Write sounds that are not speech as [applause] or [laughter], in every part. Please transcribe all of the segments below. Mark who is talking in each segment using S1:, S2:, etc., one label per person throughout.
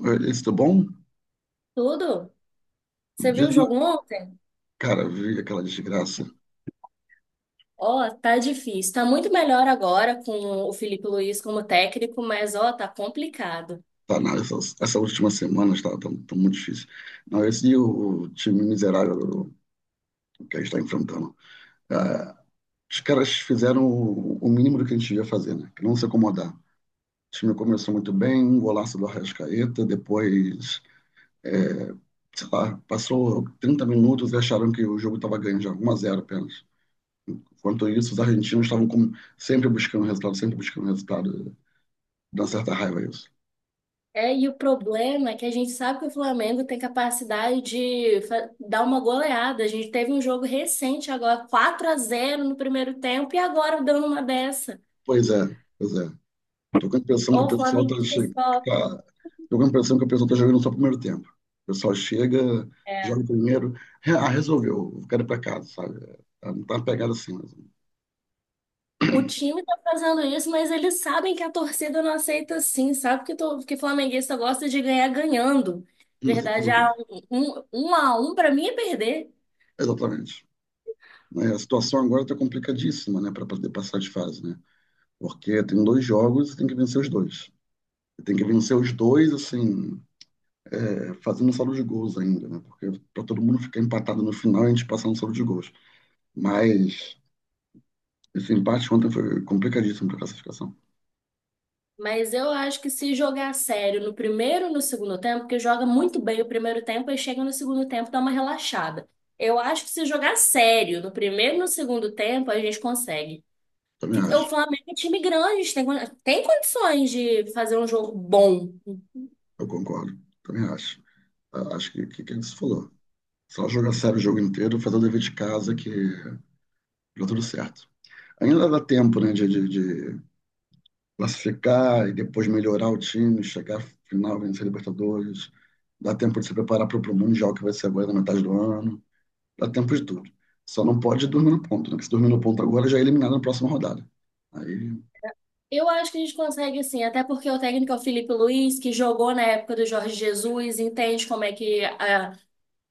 S1: Oi, Alice, bom?
S2: Tudo? Você viu
S1: Diz-
S2: o jogo ontem?
S1: Cara, vi aquela desgraça.
S2: Ó, tá difícil. Tá muito melhor agora com o Felipe Luiz como técnico, mas ó, tá complicado.
S1: Tá, na essa, essa última semana tá muito difícil. Não, esse e o time miserável que a gente está enfrentando. Ah, os caras fizeram o mínimo do que a gente ia fazer, né? Que não se acomodar. O time começou muito bem, um golaço do Arrascaeta, depois, é, sei lá, passou 30 minutos e acharam que o jogo estava ganho já, 1-0 apenas. Enquanto isso, os argentinos estavam como sempre buscando resultado, sempre buscando resultado. Dá uma certa raiva isso.
S2: É, e o problema é que a gente sabe que o Flamengo tem capacidade de dar uma goleada. A gente teve um jogo recente agora, 4-0 no primeiro tempo, e agora dando uma dessa.
S1: Pois é, pois é. Tô com a impressão que
S2: Ô,
S1: o
S2: o
S1: pessoal tá
S2: flamenguista
S1: chegando.
S2: só.
S1: Tá, tô com a impressão que o pessoal tá jogando só o primeiro tempo. O pessoal chega, joga o
S2: É.
S1: primeiro. Ah, resolveu, eu quero ir pra casa, sabe? Não tá uma pegada assim, mas...
S2: O time tá fazendo isso, mas eles sabem que a torcida não aceita assim, sabe? Que, que flamenguista gosta de ganhar ganhando. Verdade,
S1: Exatamente.
S2: 1-1 pra mim é perder.
S1: Exatamente. Mas a situação agora tá complicadíssima, né, para poder passar de fase, né? Porque tem dois jogos e tem que vencer os dois. Tem que vencer os dois, assim, é, fazendo saldo de gols ainda, né? Porque para todo mundo ficar empatado no final, a gente passar no saldo de gols. Mas esse empate ontem foi complicadíssimo para a classificação.
S2: Mas eu acho que se jogar sério no primeiro e no segundo tempo, porque joga muito bem o primeiro tempo e chega no segundo tempo, dá uma relaxada. Eu acho que se jogar sério no primeiro e no segundo tempo, a gente consegue.
S1: Também
S2: O
S1: acho.
S2: Flamengo é um time grande, a gente tem, tem condições de fazer um jogo bom.
S1: Eu concordo. Também acho. Ah, acho que que ele se falou. Só jogar sério o jogo inteiro, fazer o dever de casa que dá tudo certo. Ainda dá tempo, né, de classificar e depois melhorar o time, chegar à final, vencer a Libertadores. Dá tempo de se preparar para o Mundial que vai ser agora na metade do ano. Dá tempo de tudo. Só não pode dormir no ponto, né? Porque se dormir no ponto agora, já é eliminado na próxima rodada. Aí,
S2: Eu acho que a gente consegue sim, até porque o técnico é o Felipe Luiz, que jogou na época do Jorge Jesus, entende como é que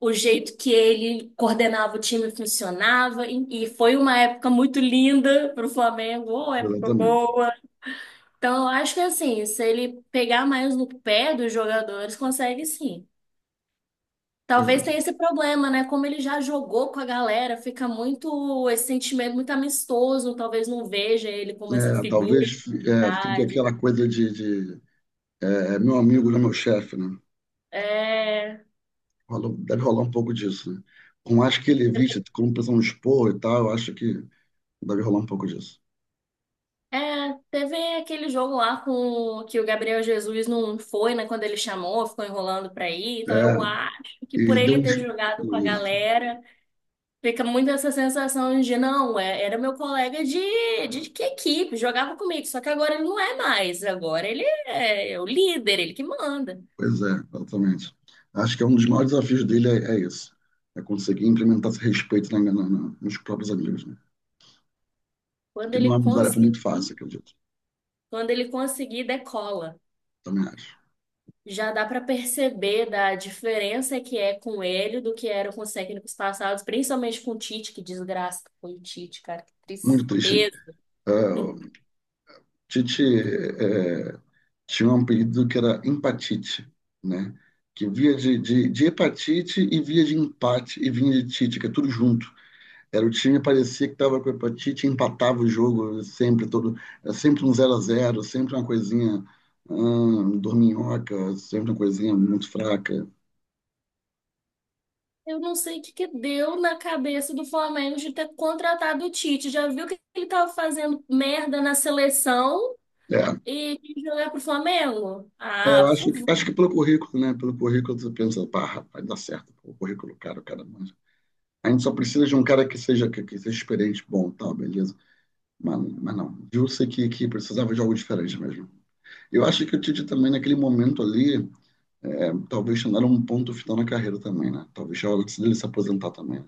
S2: o jeito que ele coordenava o time funcionava, e foi uma época muito linda para o Flamengo, uma época
S1: exatamente.
S2: boa. Então, eu acho que assim, se ele pegar mais no pé dos jogadores, consegue sim.
S1: Pois
S2: Talvez tenha
S1: é.
S2: esse problema, né? Como ele já jogou com a galera, fica muito esse sentimento muito amistoso, talvez não veja ele como essa
S1: É,
S2: figura
S1: talvez
S2: de
S1: é, fique
S2: idade.
S1: aquela coisa é, é meu amigo, não é meu chefe, né?
S2: É.
S1: Deve rolar um pouco disso, né? Com acho que ele viste, como o pessoal expor e tal, eu acho que deve rolar um pouco disso.
S2: É, teve aquele jogo lá com que o Gabriel Jesus não foi, né, quando ele chamou, ficou enrolando pra ir.
S1: É,
S2: Então eu acho que por
S1: ele deu
S2: ele
S1: um...
S2: ter jogado com a
S1: Isso,
S2: galera, fica muito essa sensação de não, era meu colega de que equipe, jogava comigo, só que agora ele não é mais, agora ele é o líder, ele que manda.
S1: pois é, exatamente. Acho que é um dos maiores desafios dele é, é isso, é conseguir implementar esse respeito nos próprios amigos, né?
S2: Quando
S1: Que
S2: ele
S1: não é uma tarefa
S2: conseguir,
S1: muito fácil, acredito,
S2: quando ele conseguir, decola.
S1: também acho.
S2: Já dá para perceber da diferença que é com ele do que era com os técnicos passados, principalmente com o Tite, que desgraça que foi o Tite, cara, que
S1: Muito triste, né?
S2: tristeza.
S1: É, o
S2: Não-
S1: Tite tinha um apelido que era empatite, né? Que via de hepatite e via de empate e vinha de tite, que é tudo junto. Era o time parecia que estava com hepatite, empatava o jogo sempre todo, era sempre um zero a zero, sempre uma coisinha dorminhoca, sempre uma coisinha muito fraca.
S2: Eu não sei o que que deu na cabeça do Flamengo de ter contratado o Tite. Já viu que ele tava fazendo merda na seleção
S1: É,
S2: e quis jogar pro Flamengo?
S1: é,
S2: Ah,
S1: eu
S2: por
S1: acho que
S2: favor.
S1: pelo currículo, né? Pelo currículo você pensa, pá, rapaz, dá certo. Pô, o currículo, cara, o cara manja. A gente só precisa de um cara que seja que seja experiente, bom, tal, beleza. Mas não, viu-se que precisava de algo diferente mesmo. Eu acho que o Tite também, naquele momento ali, é, talvez não um ponto final na carreira também, né? Talvez já era hora dele se aposentar também, né?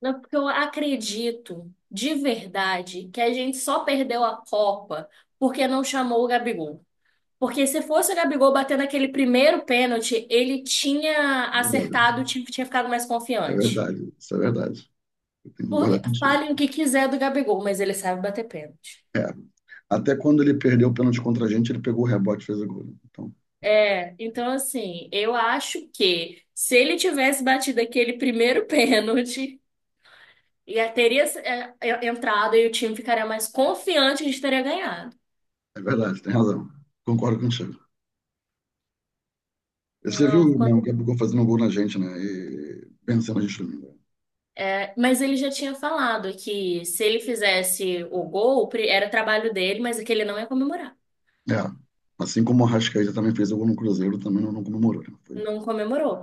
S2: Não, porque eu acredito de verdade que a gente só perdeu a Copa porque não chamou o Gabigol. Porque se fosse o Gabigol batendo aquele primeiro pênalti, ele tinha
S1: É
S2: acertado,
S1: verdade,
S2: tinha, tinha ficado mais
S1: é
S2: confiante.
S1: verdade, isso é verdade. Eu tenho que
S2: Porque
S1: concordar contigo.
S2: falem o que quiser do Gabigol, mas ele sabe bater pênalti.
S1: É, até quando ele perdeu o pênalti contra a gente, ele pegou o rebote e fez o gol, né? Então,
S2: É, então assim, eu acho que se ele tivesse batido aquele primeiro [laughs] pênalti, já teria entrado e o time ficaria mais confiante de teria ganhado.
S1: é verdade, tem razão. Concordo contigo. Você
S2: Não,
S1: viu, né, o Gabigol fazendo gol na gente, né? E vencendo a gente domingo.
S2: mas ele já tinha falado que se ele fizesse o gol, era trabalho dele, mas é que ele não ia comemorar.
S1: É, assim como o Arrascaeta também fez o gol no Cruzeiro, também não comemorou, né? Foi
S2: Não comemorou.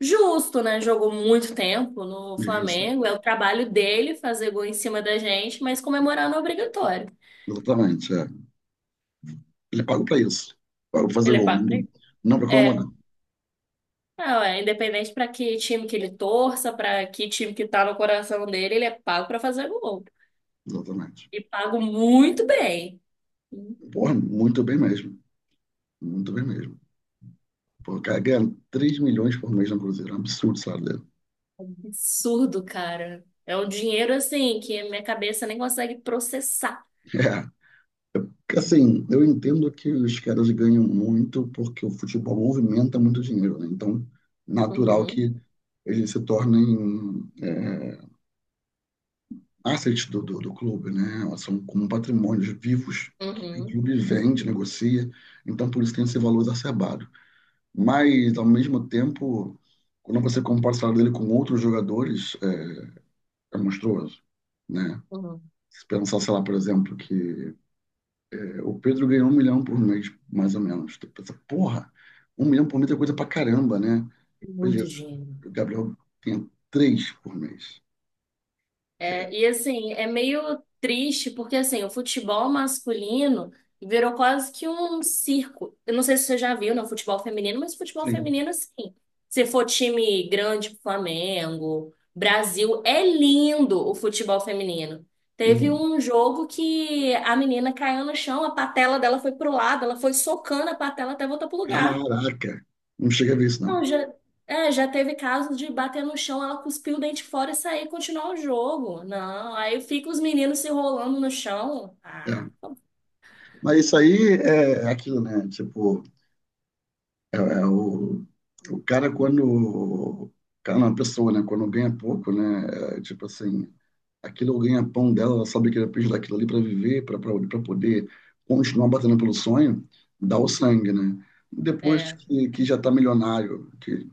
S2: Justo, né? Jogou muito tempo no
S1: difícil.
S2: Flamengo. É o trabalho dele fazer gol em cima da gente, mas comemorar não é obrigatório.
S1: Exatamente, é. Ele paga pra isso. Paga pra fazer
S2: Ele é
S1: gol,
S2: pago pra
S1: não,
S2: isso?
S1: não pra comemorar.
S2: É, não, é independente para que time que ele torça, para que time que tá no coração dele, ele é pago para fazer gol.
S1: Exatamente.
S2: E pago muito bem.
S1: Porra, muito bem mesmo. Muito bem mesmo. Pô, o cara ganha 3 milhões por mês no Cruzeiro. É um absurdo o salário dele.
S2: Absurdo, cara. É um dinheiro assim que a minha cabeça nem consegue processar.
S1: [laughs] É. Porque, assim, eu entendo que os caras ganham muito porque o futebol movimenta muito dinheiro, né? Então, natural
S2: Uhum,
S1: que eles se tornem assets do clube, né? São como patrimônios vivos que o
S2: uhum,
S1: clube vende, negocia. Então, por isso tem esse valor exacerbado. Mas, ao mesmo tempo, quando você compara o salário dele com outros jogadores, é, é monstruoso, né?
S2: uhum.
S1: Se pensar, sei lá, por exemplo, o Pedro ganhou 1 milhão por mês, mais ou menos. Tu pensa, porra, 1 milhão por mês é coisa pra caramba, né?
S2: Muito
S1: Beleza.
S2: dinheiro.
S1: O Gabriel tem três por mês.
S2: É, e assim, é meio triste porque assim, o futebol masculino virou quase que um circo. Eu não sei se você já viu no futebol feminino, mas futebol
S1: Sim.
S2: feminino assim, se for time grande, Flamengo, Brasil, é lindo o futebol feminino. Teve
S1: Hum.
S2: um jogo que a menina caiu no chão, a patela dela foi pro lado, ela foi socando a patela até voltar pro lugar.
S1: Caraca! Não chega a ver isso, não.
S2: Não, já, é, já teve casos de bater no chão, ela cuspir o dente fora e sair e continuar o jogo. Não, aí fica os meninos se rolando no chão. Ah,
S1: É. Mas isso aí é aquilo, né? Tipo, é, é o cara, quando. Cara, não, a pessoa, né? Quando ganha pouco, né? É, tipo assim, aquilo ganha pão dela, ela sabe que ela precisa daquilo ali para viver, para poder continuar batendo pelo sonho, dá o sangue, né? Depois
S2: é.
S1: que já tá milionário, que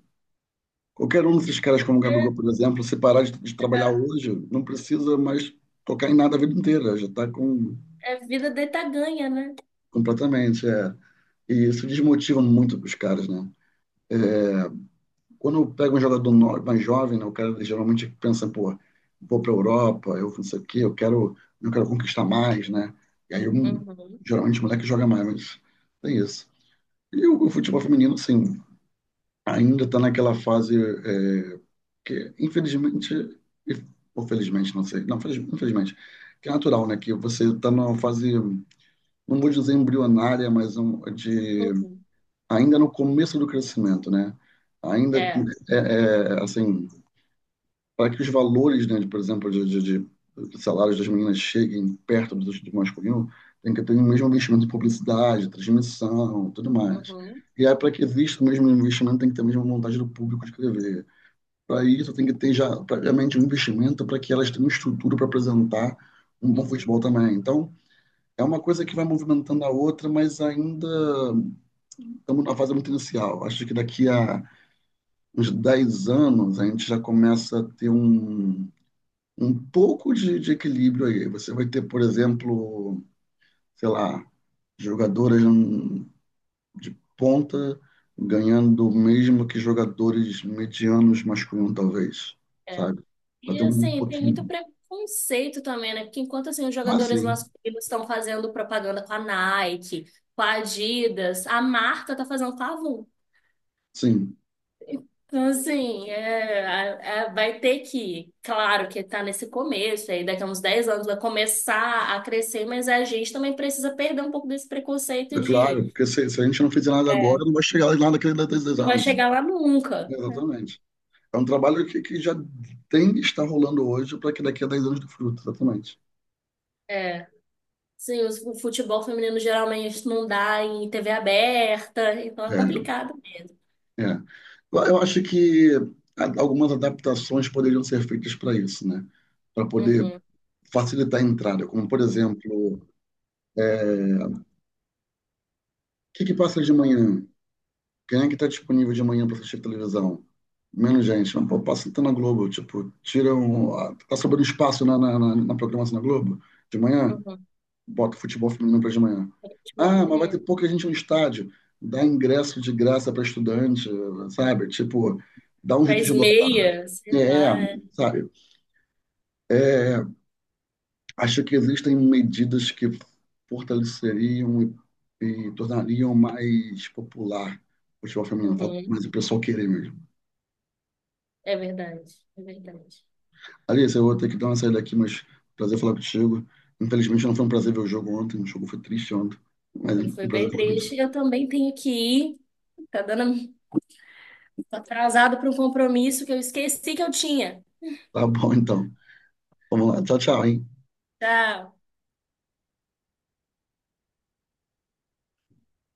S1: qualquer um desses caras como o
S2: É,
S1: Gabigol, por exemplo, se parar de trabalhar hoje, não precisa mais tocar em nada a vida inteira, já tá com
S2: é vida deita ganha, né?
S1: completamente, é. E isso desmotiva muito os caras, né? Quando eu pego um jogador mais jovem, né, o cara geralmente pensa, pô, vou para a Europa, eu não sei o quê, eu quero conquistar mais, né? E aí, um,
S2: Uhum,
S1: geralmente, o moleque joga mais, mas tem isso. E o futebol feminino, sim, ainda está naquela fase é, que, infelizmente, e- ou felizmente, não sei, não, infelizmente, que é natural, né? Que você está numa fase, não vou dizer embrionária, mas um, de
S2: uhum,
S1: ainda no começo do crescimento, né? Ainda
S2: é,
S1: é, é, assim, para que os valores, né, de, por exemplo, de salários das meninas cheguem perto do masculino, tem que ter o mesmo investimento em publicidade, transmissão, tudo mais.
S2: uhum,
S1: E aí, para que exista o mesmo investimento, tem que ter a mesma vontade do público de escrever. Para isso, tem que ter já previamente um investimento para que elas tenham um estrutura para apresentar um bom
S2: uhum,
S1: futebol também. Então, é uma coisa que vai movimentando a outra, mas ainda estamos na fase muito inicial. Acho que daqui a uns 10 anos a gente já começa a ter um pouco de equilíbrio aí. Você vai ter, por exemplo, sei lá, jogadoras de ponta ganhando o mesmo que jogadores medianos masculinos, talvez,
S2: é.
S1: sabe? Vai
S2: E
S1: ter um
S2: assim, tem muito
S1: pouquinho.
S2: preconceito também, né? Porque enquanto assim, os
S1: Ah,
S2: jogadores
S1: sim,
S2: masculinos estão fazendo propaganda com a Nike, com a Adidas, a marca tá fazendo com a Avon.
S1: sim.
S2: Então, assim, vai ter que, claro que está nesse começo, aí daqui a uns 10 anos vai começar a crescer, mas a gente também precisa perder um pouco desse preconceito
S1: É claro,
S2: de
S1: porque se a gente não fizer nada agora, não vai chegar lá naquele daqui a dez
S2: não vai
S1: anos. né?
S2: chegar lá nunca.
S1: Exatamente. É um trabalho que já tem que estar rolando hoje para que daqui a 10 anos dê fruto, exatamente.
S2: É, sim, os- o futebol feminino geralmente não dá em TV aberta, então é
S1: É,
S2: complicado mesmo.
S1: é. Eu acho que algumas adaptações poderiam ser feitas para isso, né? Para poder
S2: Uhum,
S1: facilitar a entrada, como por exemplo, o que que passa de manhã? Quem é que está disponível de manhã para assistir televisão? Menos gente. Mas, pô, passa então na Globo, tipo, tira um, tá sobrando espaço na programação da Globo de manhã,
S2: uhum.
S1: bota futebol feminino para de manhã.
S2: Futebol
S1: Ah, mas vai ter
S2: feminino.
S1: pouca gente no estádio. Dá ingresso de graça para estudante, sabe? Tipo, dá um jeito
S2: Faz
S1: de lotar.
S2: meia, sei
S1: É,
S2: lá. É.
S1: sabe? Acho que existem medidas que fortaleceriam e tornariam mais popular o futebol feminino. Falta
S2: Uhum.
S1: mais o pessoal querer mesmo.
S2: É verdade, é verdade.
S1: Alice, eu vou ter que dar uma saída aqui, mas prazer falar contigo. Infelizmente não foi um prazer ver o jogo ontem, o jogo foi triste ontem, mas é
S2: Foi
S1: um
S2: foi
S1: prazer
S2: bem
S1: falar contigo.
S2: triste. Eu também tenho que ir. Tá dando Tô atrasado para um compromisso que eu esqueci que eu tinha.
S1: Tá bom, então. Vamos lá. Tchau, tchau, hein?
S2: Tchau.